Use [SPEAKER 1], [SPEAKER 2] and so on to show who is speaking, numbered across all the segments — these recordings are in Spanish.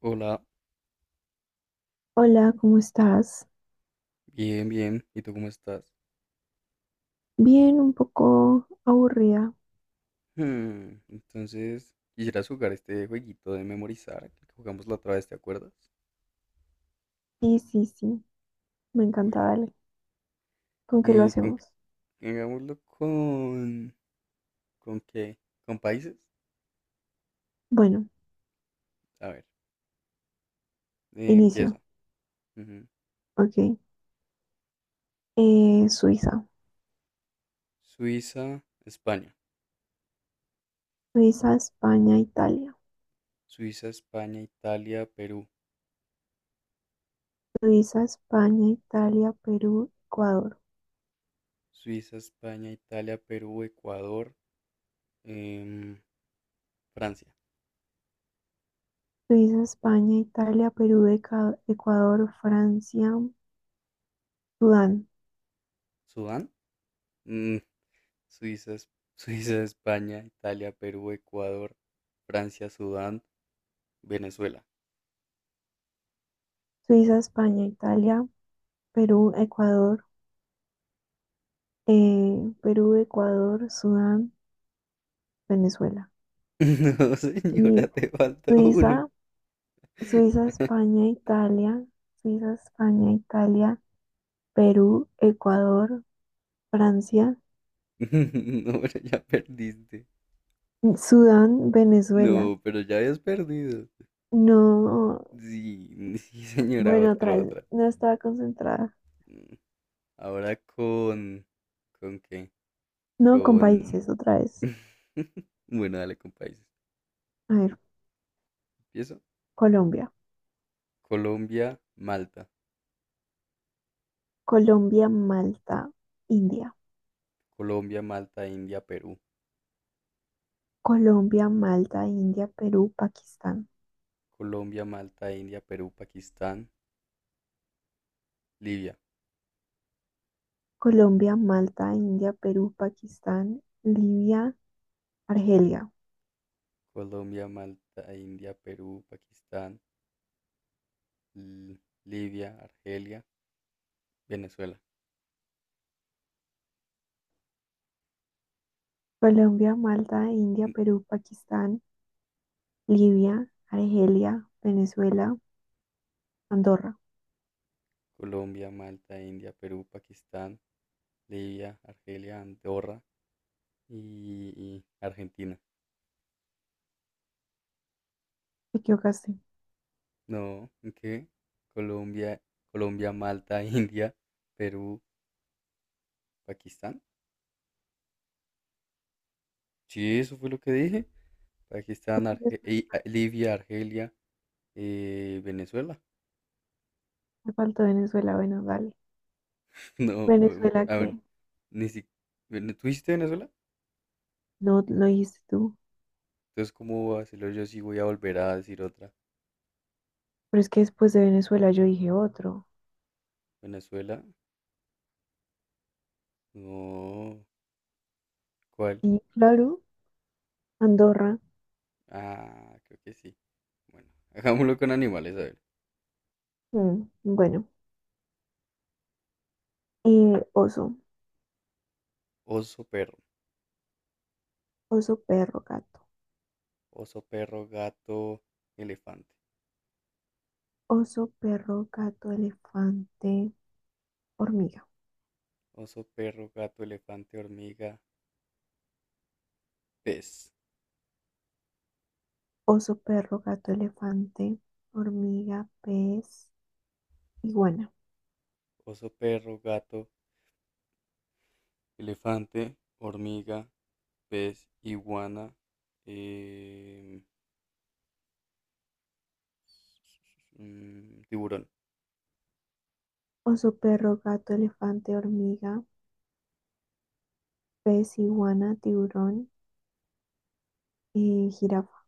[SPEAKER 1] Hola,
[SPEAKER 2] Hola, ¿cómo estás?
[SPEAKER 1] bien, bien. ¿Y tú cómo estás?
[SPEAKER 2] Bien, un poco aburrida.
[SPEAKER 1] Entonces, ¿quisieras jugar este jueguito de memorizar que jugamos la otra vez, ¿te acuerdas?
[SPEAKER 2] Sí, sí, sí, me encanta,
[SPEAKER 1] Bueno,
[SPEAKER 2] dale. ¿Con qué lo
[SPEAKER 1] ¿y con
[SPEAKER 2] hacemos?
[SPEAKER 1] qué- hagámoslo con... ¿Con qué? ¿Con países?
[SPEAKER 2] Bueno,
[SPEAKER 1] A ver,
[SPEAKER 2] inicio.
[SPEAKER 1] empieza. Ujú.
[SPEAKER 2] Ok. Suiza.
[SPEAKER 1] Suiza, España.
[SPEAKER 2] Suiza, España, Italia.
[SPEAKER 1] Suiza, España, Italia, Perú.
[SPEAKER 2] Suiza, España, Italia, Perú, Ecuador.
[SPEAKER 1] Suiza, España, Italia, Perú, Ecuador, em, Francia.
[SPEAKER 2] Suiza, España, Italia, Perú, Ecuador, Francia, Sudán.
[SPEAKER 1] ¿Sudán? Suiza, Suiza, España, Italia, Perú, Ecuador, Francia, Sudán, Venezuela.
[SPEAKER 2] Suiza, España, Italia, Perú, Ecuador, eh, Perú, Ecuador, Sudán, Venezuela.
[SPEAKER 1] No,
[SPEAKER 2] Y
[SPEAKER 1] señora, te falta uno.
[SPEAKER 2] Suiza. Suiza, España, Italia, Suiza, España, Italia, Perú, Ecuador, Francia,
[SPEAKER 1] No, pero ya perdiste.
[SPEAKER 2] Sudán, Venezuela.
[SPEAKER 1] No, pero ya habías perdido.
[SPEAKER 2] No,
[SPEAKER 1] Sí, sí, señora,
[SPEAKER 2] bueno,
[SPEAKER 1] otra,
[SPEAKER 2] otra vez,
[SPEAKER 1] otra.
[SPEAKER 2] no estaba concentrada.
[SPEAKER 1] Mm, Ahora con... ¿Con qué?
[SPEAKER 2] No, con
[SPEAKER 1] Con...
[SPEAKER 2] países, otra vez.
[SPEAKER 1] Bueno, dale con países.
[SPEAKER 2] A ver,
[SPEAKER 1] Empiezo.
[SPEAKER 2] Colombia,
[SPEAKER 1] Colombia, Malta.
[SPEAKER 2] Colombia, Malta, India.
[SPEAKER 1] Colombia, Malta, India, Perú.
[SPEAKER 2] Colombia, Malta, India, Perú, Pakistán.
[SPEAKER 1] Colombia, Malta, India, Perú, Pakistán. Libia,
[SPEAKER 2] Colombia, Malta, India, Perú, Pakistán, Libia, Argelia.
[SPEAKER 1] Colombia, Malta, India, Perú, Pakistán, L- Libia, Argelia, Venezuela.
[SPEAKER 2] Colombia, Malta, India,
[SPEAKER 1] N-
[SPEAKER 2] Perú, Pakistán, Libia, Argelia, Venezuela, Andorra.
[SPEAKER 1] Colombia, Malta, India, Perú, Pakistán, Libia, Argelia, Andorra y Argentina.
[SPEAKER 2] Te equivocaste.
[SPEAKER 1] No, ¿qué? Colombia, Colombia, Malta, India, Perú, Pakistán. Sí, eso fue lo que dije. Pakistán,
[SPEAKER 2] Después
[SPEAKER 1] Libia, Argelia, Venezuela.
[SPEAKER 2] me faltó Venezuela. Bueno, dale.
[SPEAKER 1] No,
[SPEAKER 2] Venezuela
[SPEAKER 1] a ver,
[SPEAKER 2] que
[SPEAKER 1] ni si... ¿Tú dijiste Venezuela?
[SPEAKER 2] no lo dijiste tú.
[SPEAKER 1] Entonces, ¿cómo va a hacerlo yo si voy a volver a decir otra?
[SPEAKER 2] Pero es que después de Venezuela yo dije otro.
[SPEAKER 1] ¿Venezuela? No. ¿Cuál?
[SPEAKER 2] Sí, claro. Andorra.
[SPEAKER 1] Ah, creo que sí. Bueno, hagámoslo con animales, a ver.
[SPEAKER 2] Mm, bueno. Oso.
[SPEAKER 1] Oso, perro.
[SPEAKER 2] Oso, perro, gato.
[SPEAKER 1] Oso, perro, gato, elefante.
[SPEAKER 2] Oso, perro, gato, elefante, hormiga.
[SPEAKER 1] Oso, perro, gato, elefante, hormiga, pez.
[SPEAKER 2] Oso, perro, gato, elefante, hormiga, pez, iguana.
[SPEAKER 1] Oso, perro, gato, elefante, hormiga, pez, iguana, eh, tiburón.
[SPEAKER 2] Oso, perro, gato, elefante, hormiga. Pez, iguana, tiburón, jirafa,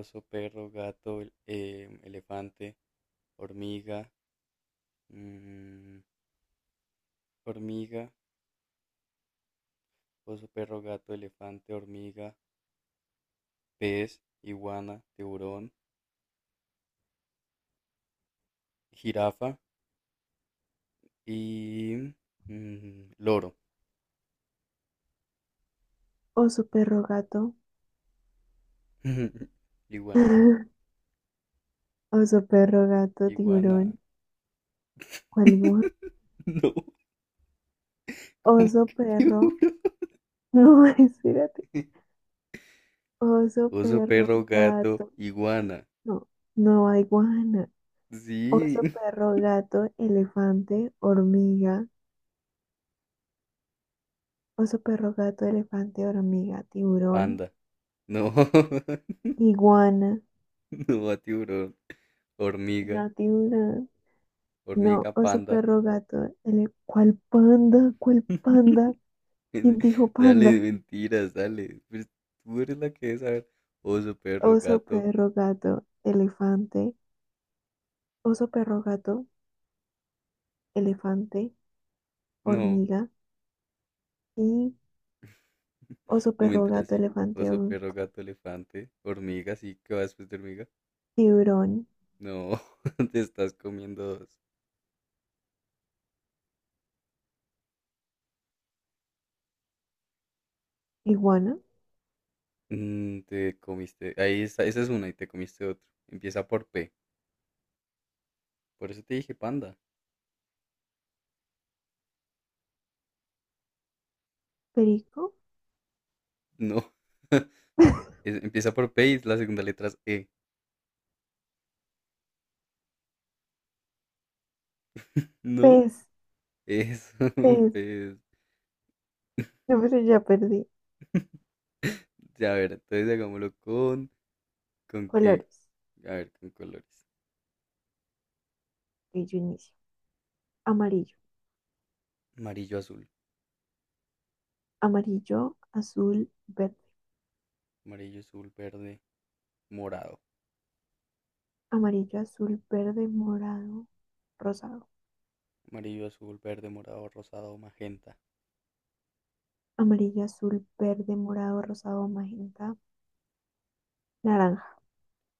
[SPEAKER 1] Oso, perro, gato, elefante, hormiga, mm, hormiga, oso, perro, gato, elefante, hormiga, pez, iguana, tiburón, jirafa y loro.
[SPEAKER 2] oso, perro, gato,
[SPEAKER 1] Iguana,
[SPEAKER 2] oso, perro, gato,
[SPEAKER 1] iguana.
[SPEAKER 2] tiburón, ¿cuál más?
[SPEAKER 1] No, ¿cómo
[SPEAKER 2] Oso,
[SPEAKER 1] que
[SPEAKER 2] perro,
[SPEAKER 1] tiburón?
[SPEAKER 2] no, espérate, oso,
[SPEAKER 1] Oso,
[SPEAKER 2] perro,
[SPEAKER 1] perro, gato,
[SPEAKER 2] gato,
[SPEAKER 1] iguana.
[SPEAKER 2] no, no hay guana,
[SPEAKER 1] Sí,
[SPEAKER 2] oso, perro, gato, elefante, hormiga, oso, perro, gato, elefante, hormiga, tiburón,
[SPEAKER 1] panda. No,
[SPEAKER 2] iguana,
[SPEAKER 1] no, tiburón. Hormiga,
[SPEAKER 2] no, tiburón. No,
[SPEAKER 1] hormiga,
[SPEAKER 2] oso,
[SPEAKER 1] panda.
[SPEAKER 2] perro, gato. El, ¿cuál panda? ¿Cuál panda? ¿Quién dijo
[SPEAKER 1] Dale,
[SPEAKER 2] panda?
[SPEAKER 1] mentiras, dale. Pues tú eres la que debe saber. Oso, perro,
[SPEAKER 2] Oso,
[SPEAKER 1] gato.
[SPEAKER 2] perro, gato, elefante. Oso, perro, gato, elefante,
[SPEAKER 1] No,
[SPEAKER 2] hormiga. Y oso,
[SPEAKER 1] no me
[SPEAKER 2] perro,
[SPEAKER 1] enteras
[SPEAKER 2] gato,
[SPEAKER 1] así.
[SPEAKER 2] elefante,
[SPEAKER 1] Oso, perro, gato, elefante, hormiga, sí, qué vas después de hormiga.
[SPEAKER 2] tiburón,
[SPEAKER 1] No, te estás comiendo dos.
[SPEAKER 2] iguana,
[SPEAKER 1] Mm, te comiste. Ahí está, esa es una y te comiste otro. Empieza por P. Por eso te dije panda.
[SPEAKER 2] perico,
[SPEAKER 1] No. Empieza por P y la segunda letra es E. No,
[SPEAKER 2] pez,
[SPEAKER 1] eso,
[SPEAKER 2] pez.
[SPEAKER 1] pues.
[SPEAKER 2] No, pero ya perdí.
[SPEAKER 1] Ya, a ver, entonces hagámoslo con. ¿Con qué?
[SPEAKER 2] Colores.
[SPEAKER 1] A ver, con colores.
[SPEAKER 2] Y yo inicio. Amarillo.
[SPEAKER 1] Amarillo, azul.
[SPEAKER 2] Amarillo, azul, verde.
[SPEAKER 1] Amarillo, azul, verde, morado.
[SPEAKER 2] Amarillo, azul, verde, morado, rosado.
[SPEAKER 1] Amarillo, azul, verde, morado, rosado, magenta.
[SPEAKER 2] Amarillo, azul, verde, morado, rosado, magenta, naranja,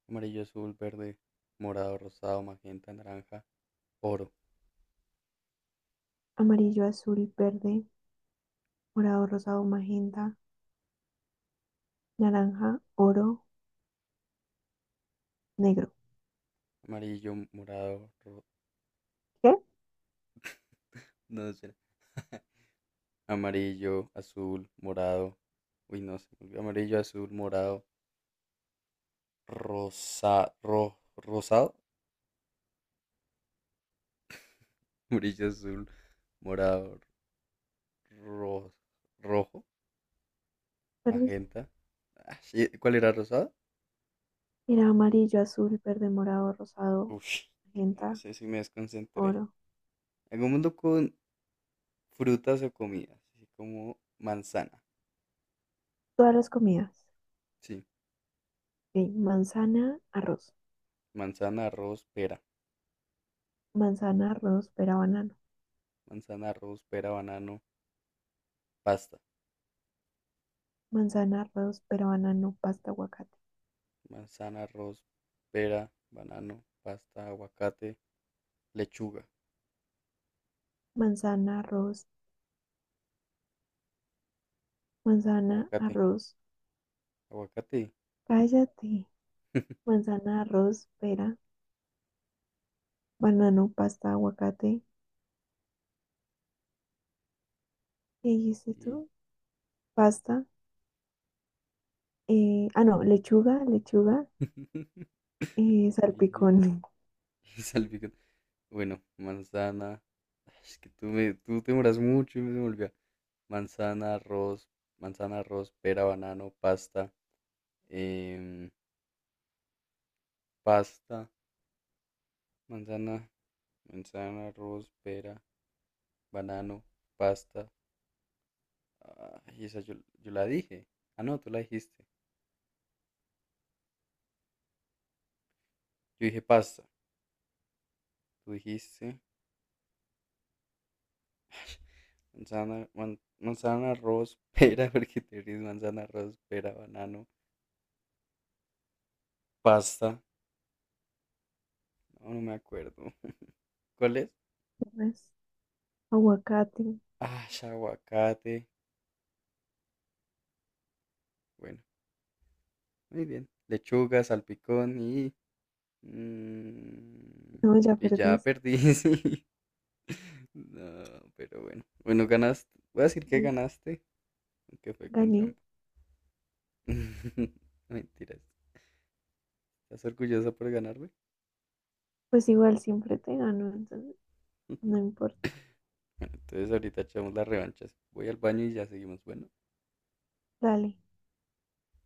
[SPEAKER 1] Amarillo, azul, verde, morado, rosado, magenta, naranja, oro.
[SPEAKER 2] amarillo, azul, verde, morado, rosado, magenta, naranja, oro, negro.
[SPEAKER 1] Amarillo, morado,
[SPEAKER 2] ¿Qué?
[SPEAKER 1] no, no sé. Amarillo, azul, morado. Uy, no se me olvidó. Amarillo, azul, morado, rosa, rosado. Amarillo, azul, morado, ro- rojo,
[SPEAKER 2] ¿Perdiste?
[SPEAKER 1] magenta. Ah, sí, ¿cuál era rosado?
[SPEAKER 2] Era amarillo, azul, verde, morado, rosado,
[SPEAKER 1] Ush, no
[SPEAKER 2] magenta,
[SPEAKER 1] sé si me desconcentré.
[SPEAKER 2] oro.
[SPEAKER 1] Algún mundo con frutas o comidas, así como manzana.
[SPEAKER 2] Todas las comidas.
[SPEAKER 1] Sí,
[SPEAKER 2] Ok, manzana, arroz.
[SPEAKER 1] manzana, arroz, pera.
[SPEAKER 2] Manzana, arroz, pera, banano.
[SPEAKER 1] Manzana, arroz, pera, banano, pasta.
[SPEAKER 2] Manzana, arroz, pera, banano, pasta, aguacate.
[SPEAKER 1] Manzana, arroz, pera, banano, pasta, aguacate, lechuga,
[SPEAKER 2] Manzana, arroz, manzana,
[SPEAKER 1] aguacate,
[SPEAKER 2] arroz.
[SPEAKER 1] aguacate.
[SPEAKER 2] Cállate. Manzana, arroz, pera, banano, pasta, aguacate. ¿Qué dijiste
[SPEAKER 1] Sí.
[SPEAKER 2] tú? Pasta. No, lechuga, lechuga,
[SPEAKER 1] Ok, sí.
[SPEAKER 2] salpicón,
[SPEAKER 1] Salpicón. Bueno, manzana. Ay, es que tú, tú te demoras mucho y me se me olvida. Manzana, arroz, manzana, arroz, pera, banano, pasta, em, pasta, manzana, manzana, arroz, pera, banano, pasta. Ay, esa yo la dije. Ah, no, tú la dijiste. Yo dije pasta. Tú dijiste manzana, manzana, arroz, pera, porque te ríes, manzana, arroz, pera, banano, pasta. No, no me acuerdo. ¿Cuál es?
[SPEAKER 2] ¿qué más? Aguacate.
[SPEAKER 1] Ah, aguacate. Bueno, muy bien. Lechuga, salpicón Mm,
[SPEAKER 2] No, ya
[SPEAKER 1] y ya
[SPEAKER 2] perdiste.
[SPEAKER 1] perdí, sí. No, pero bueno. Bueno, ganaste. Voy a decir que ganaste, aunque fue con
[SPEAKER 2] Gané.
[SPEAKER 1] trampa. Mentiras. ¿Estás orgullosa por ganarme?
[SPEAKER 2] Pues igual siempre te gano, entonces no importa.
[SPEAKER 1] Bueno, entonces ahorita echamos las revanchas. Voy al baño y ya seguimos. Bueno.
[SPEAKER 2] Dale.